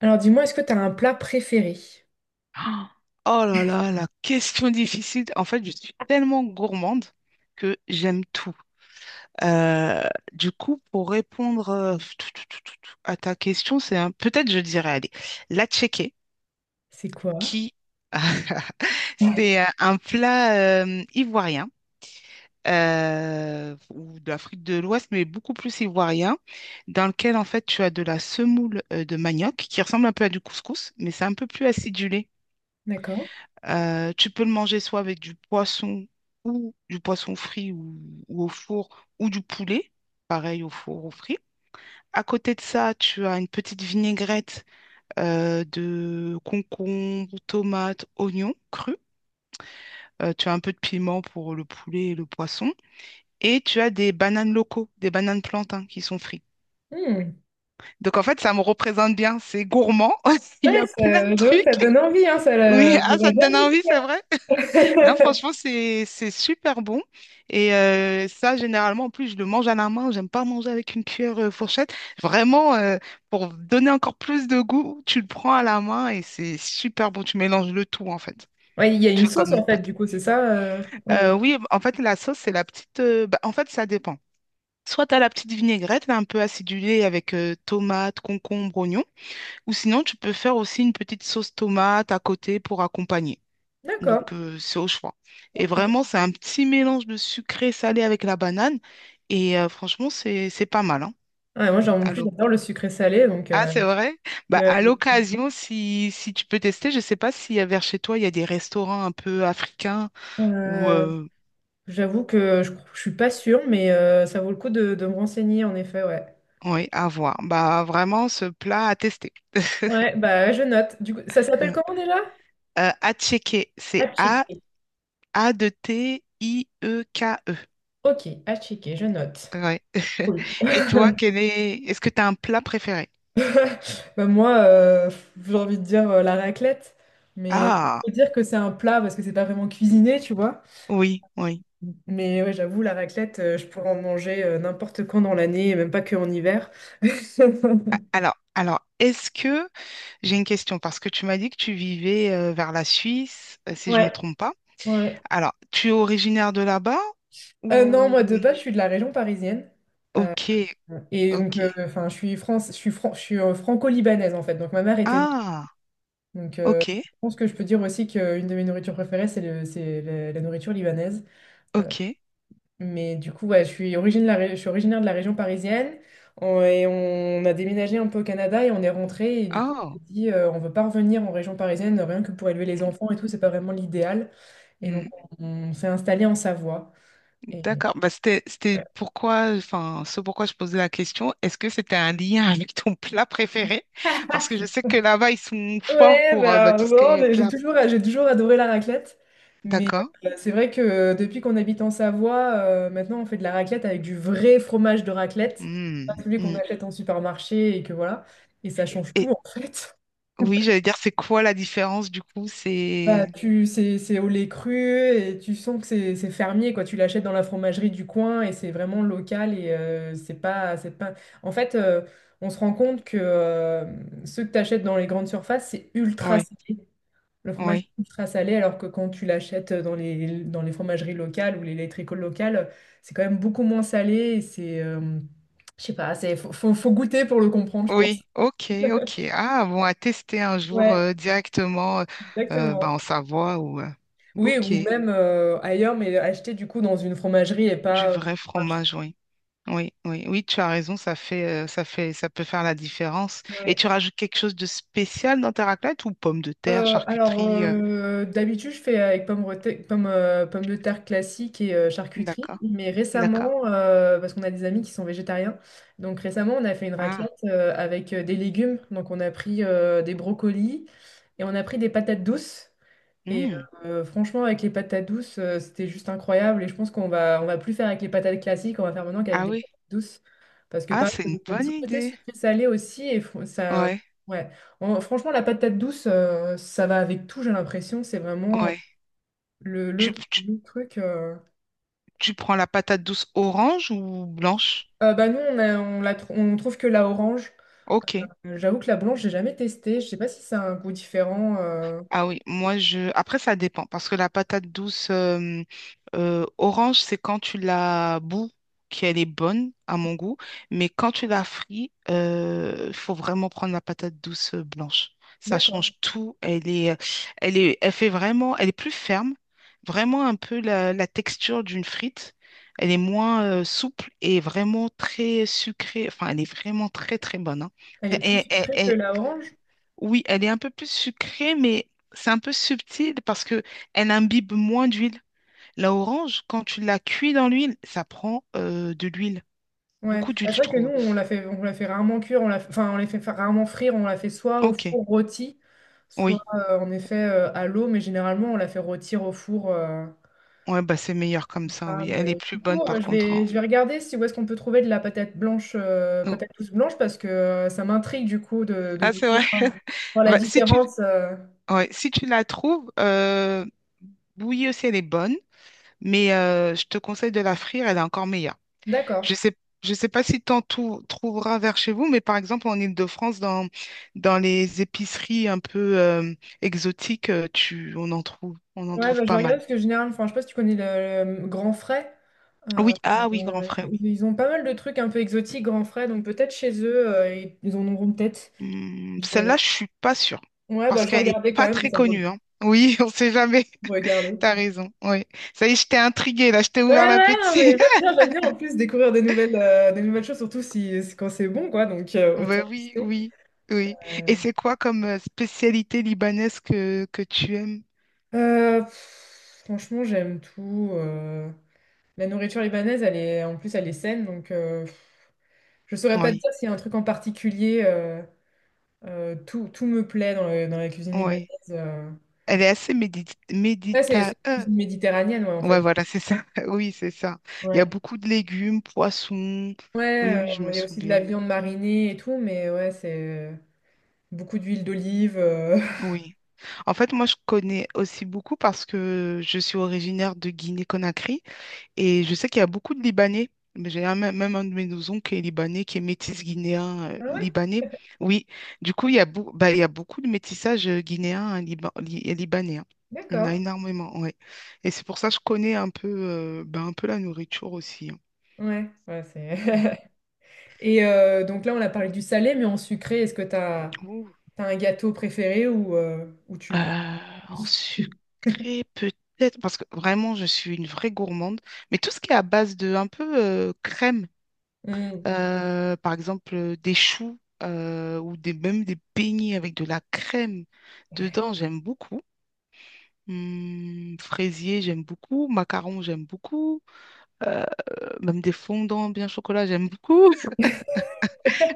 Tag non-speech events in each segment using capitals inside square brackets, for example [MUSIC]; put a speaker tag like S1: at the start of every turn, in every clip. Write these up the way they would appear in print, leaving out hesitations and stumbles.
S1: Alors dis-moi, est-ce que tu as un plat préféré?
S2: Ah, oh là là, la question difficile. En fait, je suis tellement gourmande que j'aime tout. Euh, du coup, pour répondre tout à ta question, c'est un... peut-être je dirais, allez, la tchéké,
S1: C'est quoi?
S2: qui [LAUGHS]
S1: Ouais.
S2: c'est un plat ivoirien ou d'Afrique de l'Ouest, mais beaucoup plus ivoirien, dans lequel en fait tu as de la semoule de manioc qui ressemble un peu à du couscous, mais c'est un peu plus acidulé.
S1: D'accord.
S2: Tu peux le manger soit avec du poisson ou du poisson frit ou au four ou du poulet, pareil au four ou frit. À côté de ça, tu as une petite vinaigrette de concombre, tomates, oignons crus. Tu as un peu de piment pour le poulet et le poisson. Et tu as des bananes locaux, des bananes plantains qui sont frites.
S1: Hmm.
S2: Donc en fait, ça me représente bien. C'est gourmand. [LAUGHS] Il y
S1: Ouais,
S2: a plein
S1: ça,
S2: de
S1: j'avoue,
S2: trucs.
S1: ça donne envie, hein,
S2: Oui, ah,
S1: va
S2: ça te
S1: bien
S2: donne envie,
S1: goûter,
S2: c'est vrai?
S1: hein.
S2: Non, franchement,
S1: [LAUGHS]
S2: c'est super bon. Et ça, généralement, en plus, je le mange à la main. J'aime pas manger avec une cuillère fourchette. Vraiment, pour donner encore plus de goût, tu le prends à la main et c'est super bon. Tu mélanges le tout, en fait.
S1: Ouais, il y a
S2: Tu
S1: une
S2: fais
S1: sauce
S2: comme une
S1: en fait,
S2: pâte.
S1: du coup, c'est ça?
S2: Oui, en fait, la sauce, c'est la petite... bah, en fait, ça dépend. Soit tu as la petite vinaigrette, là, un peu acidulée avec tomate, concombre, oignon. Ou sinon, tu peux faire aussi une petite sauce tomate à côté pour accompagner.
S1: D'accord.
S2: Donc, c'est au choix. Et
S1: Ok.
S2: vraiment, c'est un petit mélange de sucré salé avec la banane. Et franchement, c'est pas mal, hein.
S1: Ouais, moi, genre, en
S2: À
S1: plus,
S2: l'oc-
S1: j'adore le sucré salé, donc
S2: Ah,
S1: euh,
S2: c'est vrai? Bah,
S1: euh,
S2: à l'occasion, si tu peux tester, je ne sais pas si vers chez toi, il y a des restaurants un peu africains ou.
S1: euh, j'avoue que je suis pas sûre, mais ça vaut le coup de me renseigner, en effet, ouais.
S2: Oui, à voir. Bah, vraiment, ce plat à tester. [LAUGHS]
S1: Ouais, bah je note. Du coup, ça s'appelle comment déjà?
S2: À checker.
S1: À
S2: C'est A,
S1: checker.
S2: A de T, I, E, K, E.
S1: Ok, à checker, je note.
S2: Ouais. [LAUGHS]
S1: Cool.
S2: Et toi, quel est... est-ce que tu as un plat préféré?
S1: [LAUGHS] Bah, moi, j'ai envie de dire la raclette, mais
S2: Ah,
S1: on peut dire que c'est un plat parce que c'est pas vraiment cuisiné, tu vois.
S2: oui, oui.
S1: Mais ouais, j'avoue, la raclette, je pourrais en manger n'importe quand dans l'année, et même pas que en hiver. [LAUGHS]
S2: Alors, est-ce que j'ai une question parce que tu m'as dit que tu vivais vers la Suisse, si je me
S1: Ouais,
S2: trompe pas.
S1: ouais.
S2: Alors, tu es originaire de là-bas
S1: Non,
S2: ou.
S1: moi de base, je suis de la région parisienne.
S2: Ok,
S1: Et
S2: ok.
S1: donc, enfin, je suis France, je suis franco-libanaise en fait. Donc, ma mère était libanais.
S2: Ah,
S1: Donc,
S2: ok,
S1: je pense que je peux dire aussi qu'une de mes nourritures préférées, c'est la nourriture libanaise. Euh,
S2: ok.
S1: Mais du coup, ouais, je suis originaire de la région parisienne. Et on a déménagé un peu au Canada et on est rentré. Et du coup, on
S2: Oh,
S1: s'est dit, on veut pas revenir en région parisienne, rien que pour élever les
S2: mm,
S1: enfants et tout, c'est pas vraiment l'idéal. Et donc,
S2: mm,
S1: on, on s'est installé en Savoie. Et...
S2: d'accord. Bah,
S1: Ouais.
S2: c'était pourquoi, enfin, ce pourquoi je posais la question. Est-ce que c'était un lien [LAUGHS] avec ton plat préféré? Parce que je sais que là-bas ils sont forts
S1: Ouais,
S2: pour bah,
S1: bah,
S2: tout ce qui
S1: bon,
S2: est plat.
S1: j'ai toujours adoré la raclette. Mais
S2: D'accord.
S1: c'est vrai que depuis qu'on habite en Savoie, maintenant on fait de la raclette avec du vrai fromage de raclette, pas
S2: Mm,
S1: celui qu'on
S2: mm.
S1: achète en supermarché et que voilà. Et ça change tout en fait.
S2: Oui, j'allais dire, c'est quoi la différence du coup?
S1: Bah,
S2: C'est...
S1: c'est au lait cru et tu sens que c'est fermier, quoi. Tu l'achètes dans la fromagerie du coin et c'est vraiment local et c'est pas... En fait, on se rend compte que ceux que tu achètes dans les grandes surfaces, c'est ultra
S2: Oui,
S1: salé. Le fromage
S2: oui,
S1: est ultra salé, alors que quand tu l'achètes dans les fromageries locales ou les laiteries locales, c'est quand même beaucoup moins salé et c'est... je sais pas, c'est, faut, faut faut goûter pour le comprendre, je pense.
S2: oui, ok, ok. Ah, bon, à tester un jour
S1: Ouais,
S2: directement bah,
S1: exactement.
S2: en Savoie ou...
S1: Oui,
S2: ok,
S1: ou même ailleurs, mais acheter du coup dans une fromagerie et
S2: du
S1: pas au
S2: vrai
S1: marché.
S2: fromage, oui. Oui, oui, oui, tu as raison, ça fait, ça fait, ça peut faire la différence. Et
S1: Ouais.
S2: tu rajoutes quelque chose de spécial dans ta raclette ou pommes de terre,
S1: Alors,
S2: charcuterie
S1: d'habitude, je fais avec pommes de terre classiques et charcuterie.
S2: d'accord,
S1: Mais
S2: d'accord.
S1: récemment, parce qu'on a des amis qui sont végétariens, donc récemment, on a fait une raclette
S2: Ah,
S1: avec des légumes. Donc, on a pris des brocolis et on a pris des patates douces. Et
S2: hmm,
S1: franchement, avec les patates douces, c'était juste incroyable. Et je pense qu'on va plus faire avec les patates classiques, on va faire maintenant qu'avec
S2: ah
S1: des
S2: oui,
S1: patates douces. Parce que
S2: ah,
S1: pareil,
S2: c'est
S1: ça
S2: une
S1: donne un
S2: bonne
S1: petit côté
S2: idée.
S1: sucré-salé aussi.
S2: Ouais,
S1: Ouais. Franchement, la patate douce, ça va avec tout, j'ai l'impression. C'est vraiment
S2: ouais.
S1: le, le,
S2: Tu, tu-
S1: le truc.
S2: Tu prends la patate douce orange ou blanche?
S1: Bah nous, on a- on la tr- on trouve que la orange.
S2: Ok.
S1: J'avoue que la blanche, j'ai jamais testé. Je sais pas si ça a un goût différent.
S2: Ah oui, moi je. Après, ça dépend parce que la patate douce orange, c'est quand tu la bous qu'elle est bonne à mon goût, mais quand tu la frites, il faut vraiment prendre la patate douce blanche. Ça
S1: D'accord.
S2: change tout. Elle fait vraiment, elle est plus ferme, vraiment un peu la texture d'une frite. Elle est moins souple et vraiment très sucrée. Enfin, elle est vraiment très très bonne, hein.
S1: Elle est plus
S2: Et,
S1: sucrée que la orange.
S2: oui, elle est un peu plus sucrée, mais c'est un peu subtil parce que elle imbibe moins d'huile. La orange, quand tu la cuis dans l'huile, ça prend de l'huile,
S1: Ouais,
S2: beaucoup
S1: bah,
S2: d'huile,
S1: c'est
S2: je
S1: vrai que nous,
S2: trouve.
S1: on la fait rarement cuire, enfin, on les fait fa- rarement frire, on la fait soit au
S2: Ok,
S1: four rôti, soit
S2: oui,
S1: en effet à l'eau, mais généralement, on la fait rôtir au four.
S2: ouais, bah c'est meilleur comme ça,
S1: Ah,
S2: oui. Elle est
S1: mais
S2: plus
S1: du coup,
S2: bonne par contre.
S1: je vais regarder si où est-ce qu'on peut trouver de la patate blanche,
S2: Oh.
S1: patate douce blanche, parce que ça m'intrigue du coup de
S2: Ah, c'est
S1: goûter
S2: vrai.
S1: voir
S2: [LAUGHS]
S1: voir la
S2: Bah, si tu,
S1: différence.
S2: ouais, si tu la trouves, bouillie aussi, elle est bonne, mais je te conseille de la frire, elle est encore meilleure.
S1: D'accord.
S2: Je sais, je sais pas si tu en trouveras vers chez vous, mais par exemple en Île-de-France, dans les épiceries un peu exotiques, on en
S1: Ouais,
S2: trouve
S1: bah, je vais
S2: pas
S1: regarder
S2: mal.
S1: parce que généralement, enfin, je sais pas si tu connais le Grand Frais. Euh,
S2: Oui, ah oui, grand
S1: euh,
S2: frère, oui.
S1: ils ont pas mal de trucs un peu exotiques, Grand Frais, donc peut-être chez eux, ils ils en auront peut-être.
S2: Hmm,
S1: Je vais-
S2: celle-là, je suis pas sûre,
S1: Ouais, bah,
S2: parce
S1: je vais
S2: qu'elle est
S1: regarder quand
S2: pas
S1: même,
S2: très
S1: ça vaut le coup
S2: connue, hein. Oui, [LAUGHS] on sait jamais.
S1: de regarder.
S2: [LAUGHS] T'as raison. Oui. Ça y est, je t'ai intriguée, là, je t'ai
S1: Ouais,
S2: ouvert
S1: ouais, non, mais
S2: l'appétit. [LAUGHS]
S1: j'aime bien en plus découvrir des nouvelles choses, surtout si, quand c'est bon, quoi, donc autant
S2: Ben oui,
S1: tester.
S2: oui, oui. Et
S1: Euh,
S2: c'est quoi comme spécialité libanaise que tu aimes?
S1: pff, franchement, j'aime tout. La nourriture libanaise, en plus, elle est saine, donc je saurais pas te
S2: Oui,
S1: dire s'il y a un truc en particulier. Tout, tout me plaît dans, dans la cuisine libanaise.
S2: oui.
S1: euh.
S2: Elle est assez médita...
S1: Ouais, c'est
S2: médita...
S1: la cuisine méditerranéenne, ouais, en
S2: ouais,
S1: fait.
S2: voilà, c'est ça. [LAUGHS] Oui, c'est ça. Il y a
S1: Ouais.
S2: beaucoup de légumes, poissons. Oui,
S1: Ouais,
S2: oui, je me
S1: il y a aussi de la
S2: souviens.
S1: viande marinée et tout, mais ouais, c'est beaucoup d'huile d'olive. [LAUGHS]
S2: Oui. En fait, moi, je connais aussi beaucoup parce que je suis originaire de Guinée-Conakry. Et je sais qu'il y a beaucoup de Libanais, mais j'ai même un de mes oncles qui est libanais, qui est métis guinéen
S1: Ah ouais,
S2: libanais. Oui, du coup, il y a, bah, il y a beaucoup de métissage guinéen hein, et libanais, hein. Il y en a
S1: d'accord.
S2: énormément, ouais. Et c'est pour ça que je connais un peu, bah, un peu la nourriture aussi, hein.
S1: Ouais, ouais, c'est.
S2: Ouais.
S1: [LAUGHS] Et donc là, on a parlé du salé, mais en sucré, est-ce que
S2: Ouh.
S1: t'as un gâteau préféré ou tu.
S2: Euh,
S1: [LAUGHS]
S2: En sucré, peut-être, parce que vraiment, je suis une vraie gourmande. Mais tout ce qui est à base de un peu crème,
S1: Hmm.
S2: Par exemple, des choux ou des, même des beignets avec de la crème dedans, j'aime beaucoup. Fraisier, j'aime beaucoup. Macarons, j'aime beaucoup. Euh, même des fondants bien chocolat, j'aime beaucoup. [LAUGHS]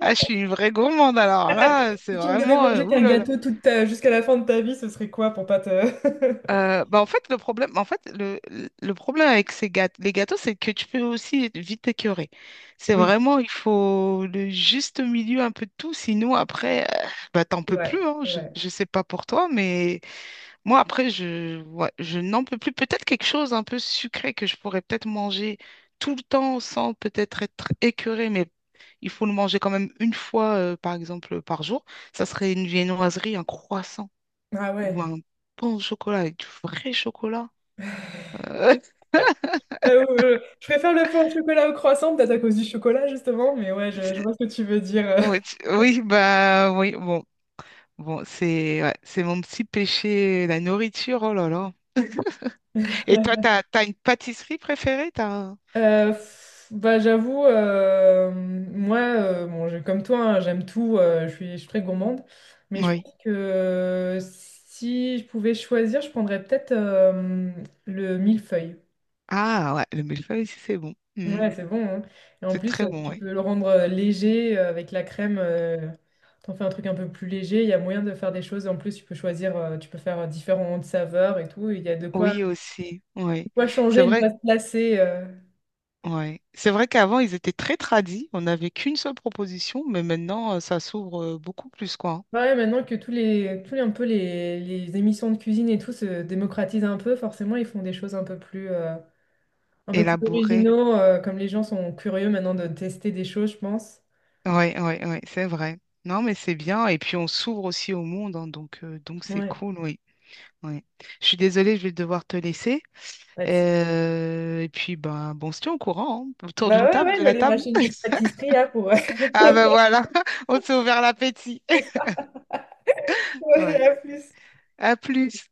S2: Ah, je suis une vraie gourmande alors là, c'est
S1: Si tu ne devais
S2: vraiment...
S1: manger qu'un
S2: oulala.
S1: gâteau jusqu'à la fin de ta vie, ce serait quoi pour pas te. [LAUGHS]
S2: Bah en fait, le problème, en fait, le problème avec ces gâteaux, les gâteaux, c'est que tu peux aussi être vite t'écœurer. C'est
S1: Oui,
S2: vraiment, il faut le juste milieu un peu de tout, sinon après, bah, t'en
S1: c'est
S2: peux
S1: vrai,
S2: plus, hein.
S1: c'est vrai.
S2: Je sais pas pour toi, mais moi, après, ouais, je n'en peux plus. Peut-être quelque chose un peu sucré que je pourrais peut-être manger tout le temps sans peut-être être écœurée, mais il faut le manger quand même une fois, par exemple, par jour. Ça serait une viennoiserie, un croissant
S1: Ah
S2: ou
S1: ouais.
S2: un bon chocolat avec du vrai chocolat. Euh,
S1: Je préfère le feu au chocolat au croissant, peut-être à cause du chocolat justement, mais ouais,
S2: [LAUGHS]
S1: je
S2: c'est-
S1: vois ce que tu veux dire.
S2: ouais,
S1: [LAUGHS]
S2: oui, bah oui, bon. Bon, c'est ouais, c'est mon petit péché, la nourriture, oh là là. Et toi, t'as une pâtisserie préférée, t'as... un-
S1: Pff, bah j'avoue, bon, comme toi, hein, j'aime tout, je suis très gourmande, mais je
S2: Oui.
S1: pense que si je pouvais choisir, je prendrais peut-être le millefeuille.
S2: Ah ouais, le millefeuille aussi, c'est bon. Mm.
S1: Ouais, c'est bon, hein. Et en
S2: C'est
S1: plus,
S2: très bon,
S1: tu
S2: oui.
S1: peux le rendre léger avec la crème. T'en fais un truc un peu plus léger. Il y a moyen de faire des choses. En plus, tu peux choisir, tu peux faire différentes saveurs et tout. Il y a
S2: Oui aussi, oui.
S1: de quoi
S2: C'est
S1: changer, ne
S2: vrai,
S1: pas se lasser.
S2: ouais. C'est vrai qu'avant, ils étaient très tradis. On n'avait qu'une seule proposition, mais maintenant, ça s'ouvre beaucoup plus, quoi.
S1: Ouais, maintenant que tous les, un peu les émissions de cuisine et tout se démocratisent un peu, forcément, ils font des choses un peu plus
S2: Élaboré.
S1: originaux. Comme les gens sont curieux maintenant de tester des choses, je pense.
S2: Ouais, ouais, ouais, c'est vrai. Non, mais c'est bien. Et puis on s'ouvre aussi au monde, hein, donc c'est
S1: Ouais.
S2: cool, oui. Ouais. Je suis désolée, je vais devoir te laisser.
S1: Bah, tu-
S2: Et puis ben bon, on se tient au courant, hein, autour
S1: bah
S2: d'une
S1: ouais,
S2: table,
S1: ouais,
S2: de
S1: je vais
S2: la
S1: aller
S2: table.
S1: m'acheter une petite
S2: [LAUGHS]
S1: pâtisserie là pour.
S2: Ah ben
S1: [LAUGHS]
S2: voilà, [LAUGHS] on s'est ouvert l'appétit. [LAUGHS] Ouais.
S1: Ouais, à plus.
S2: À plus.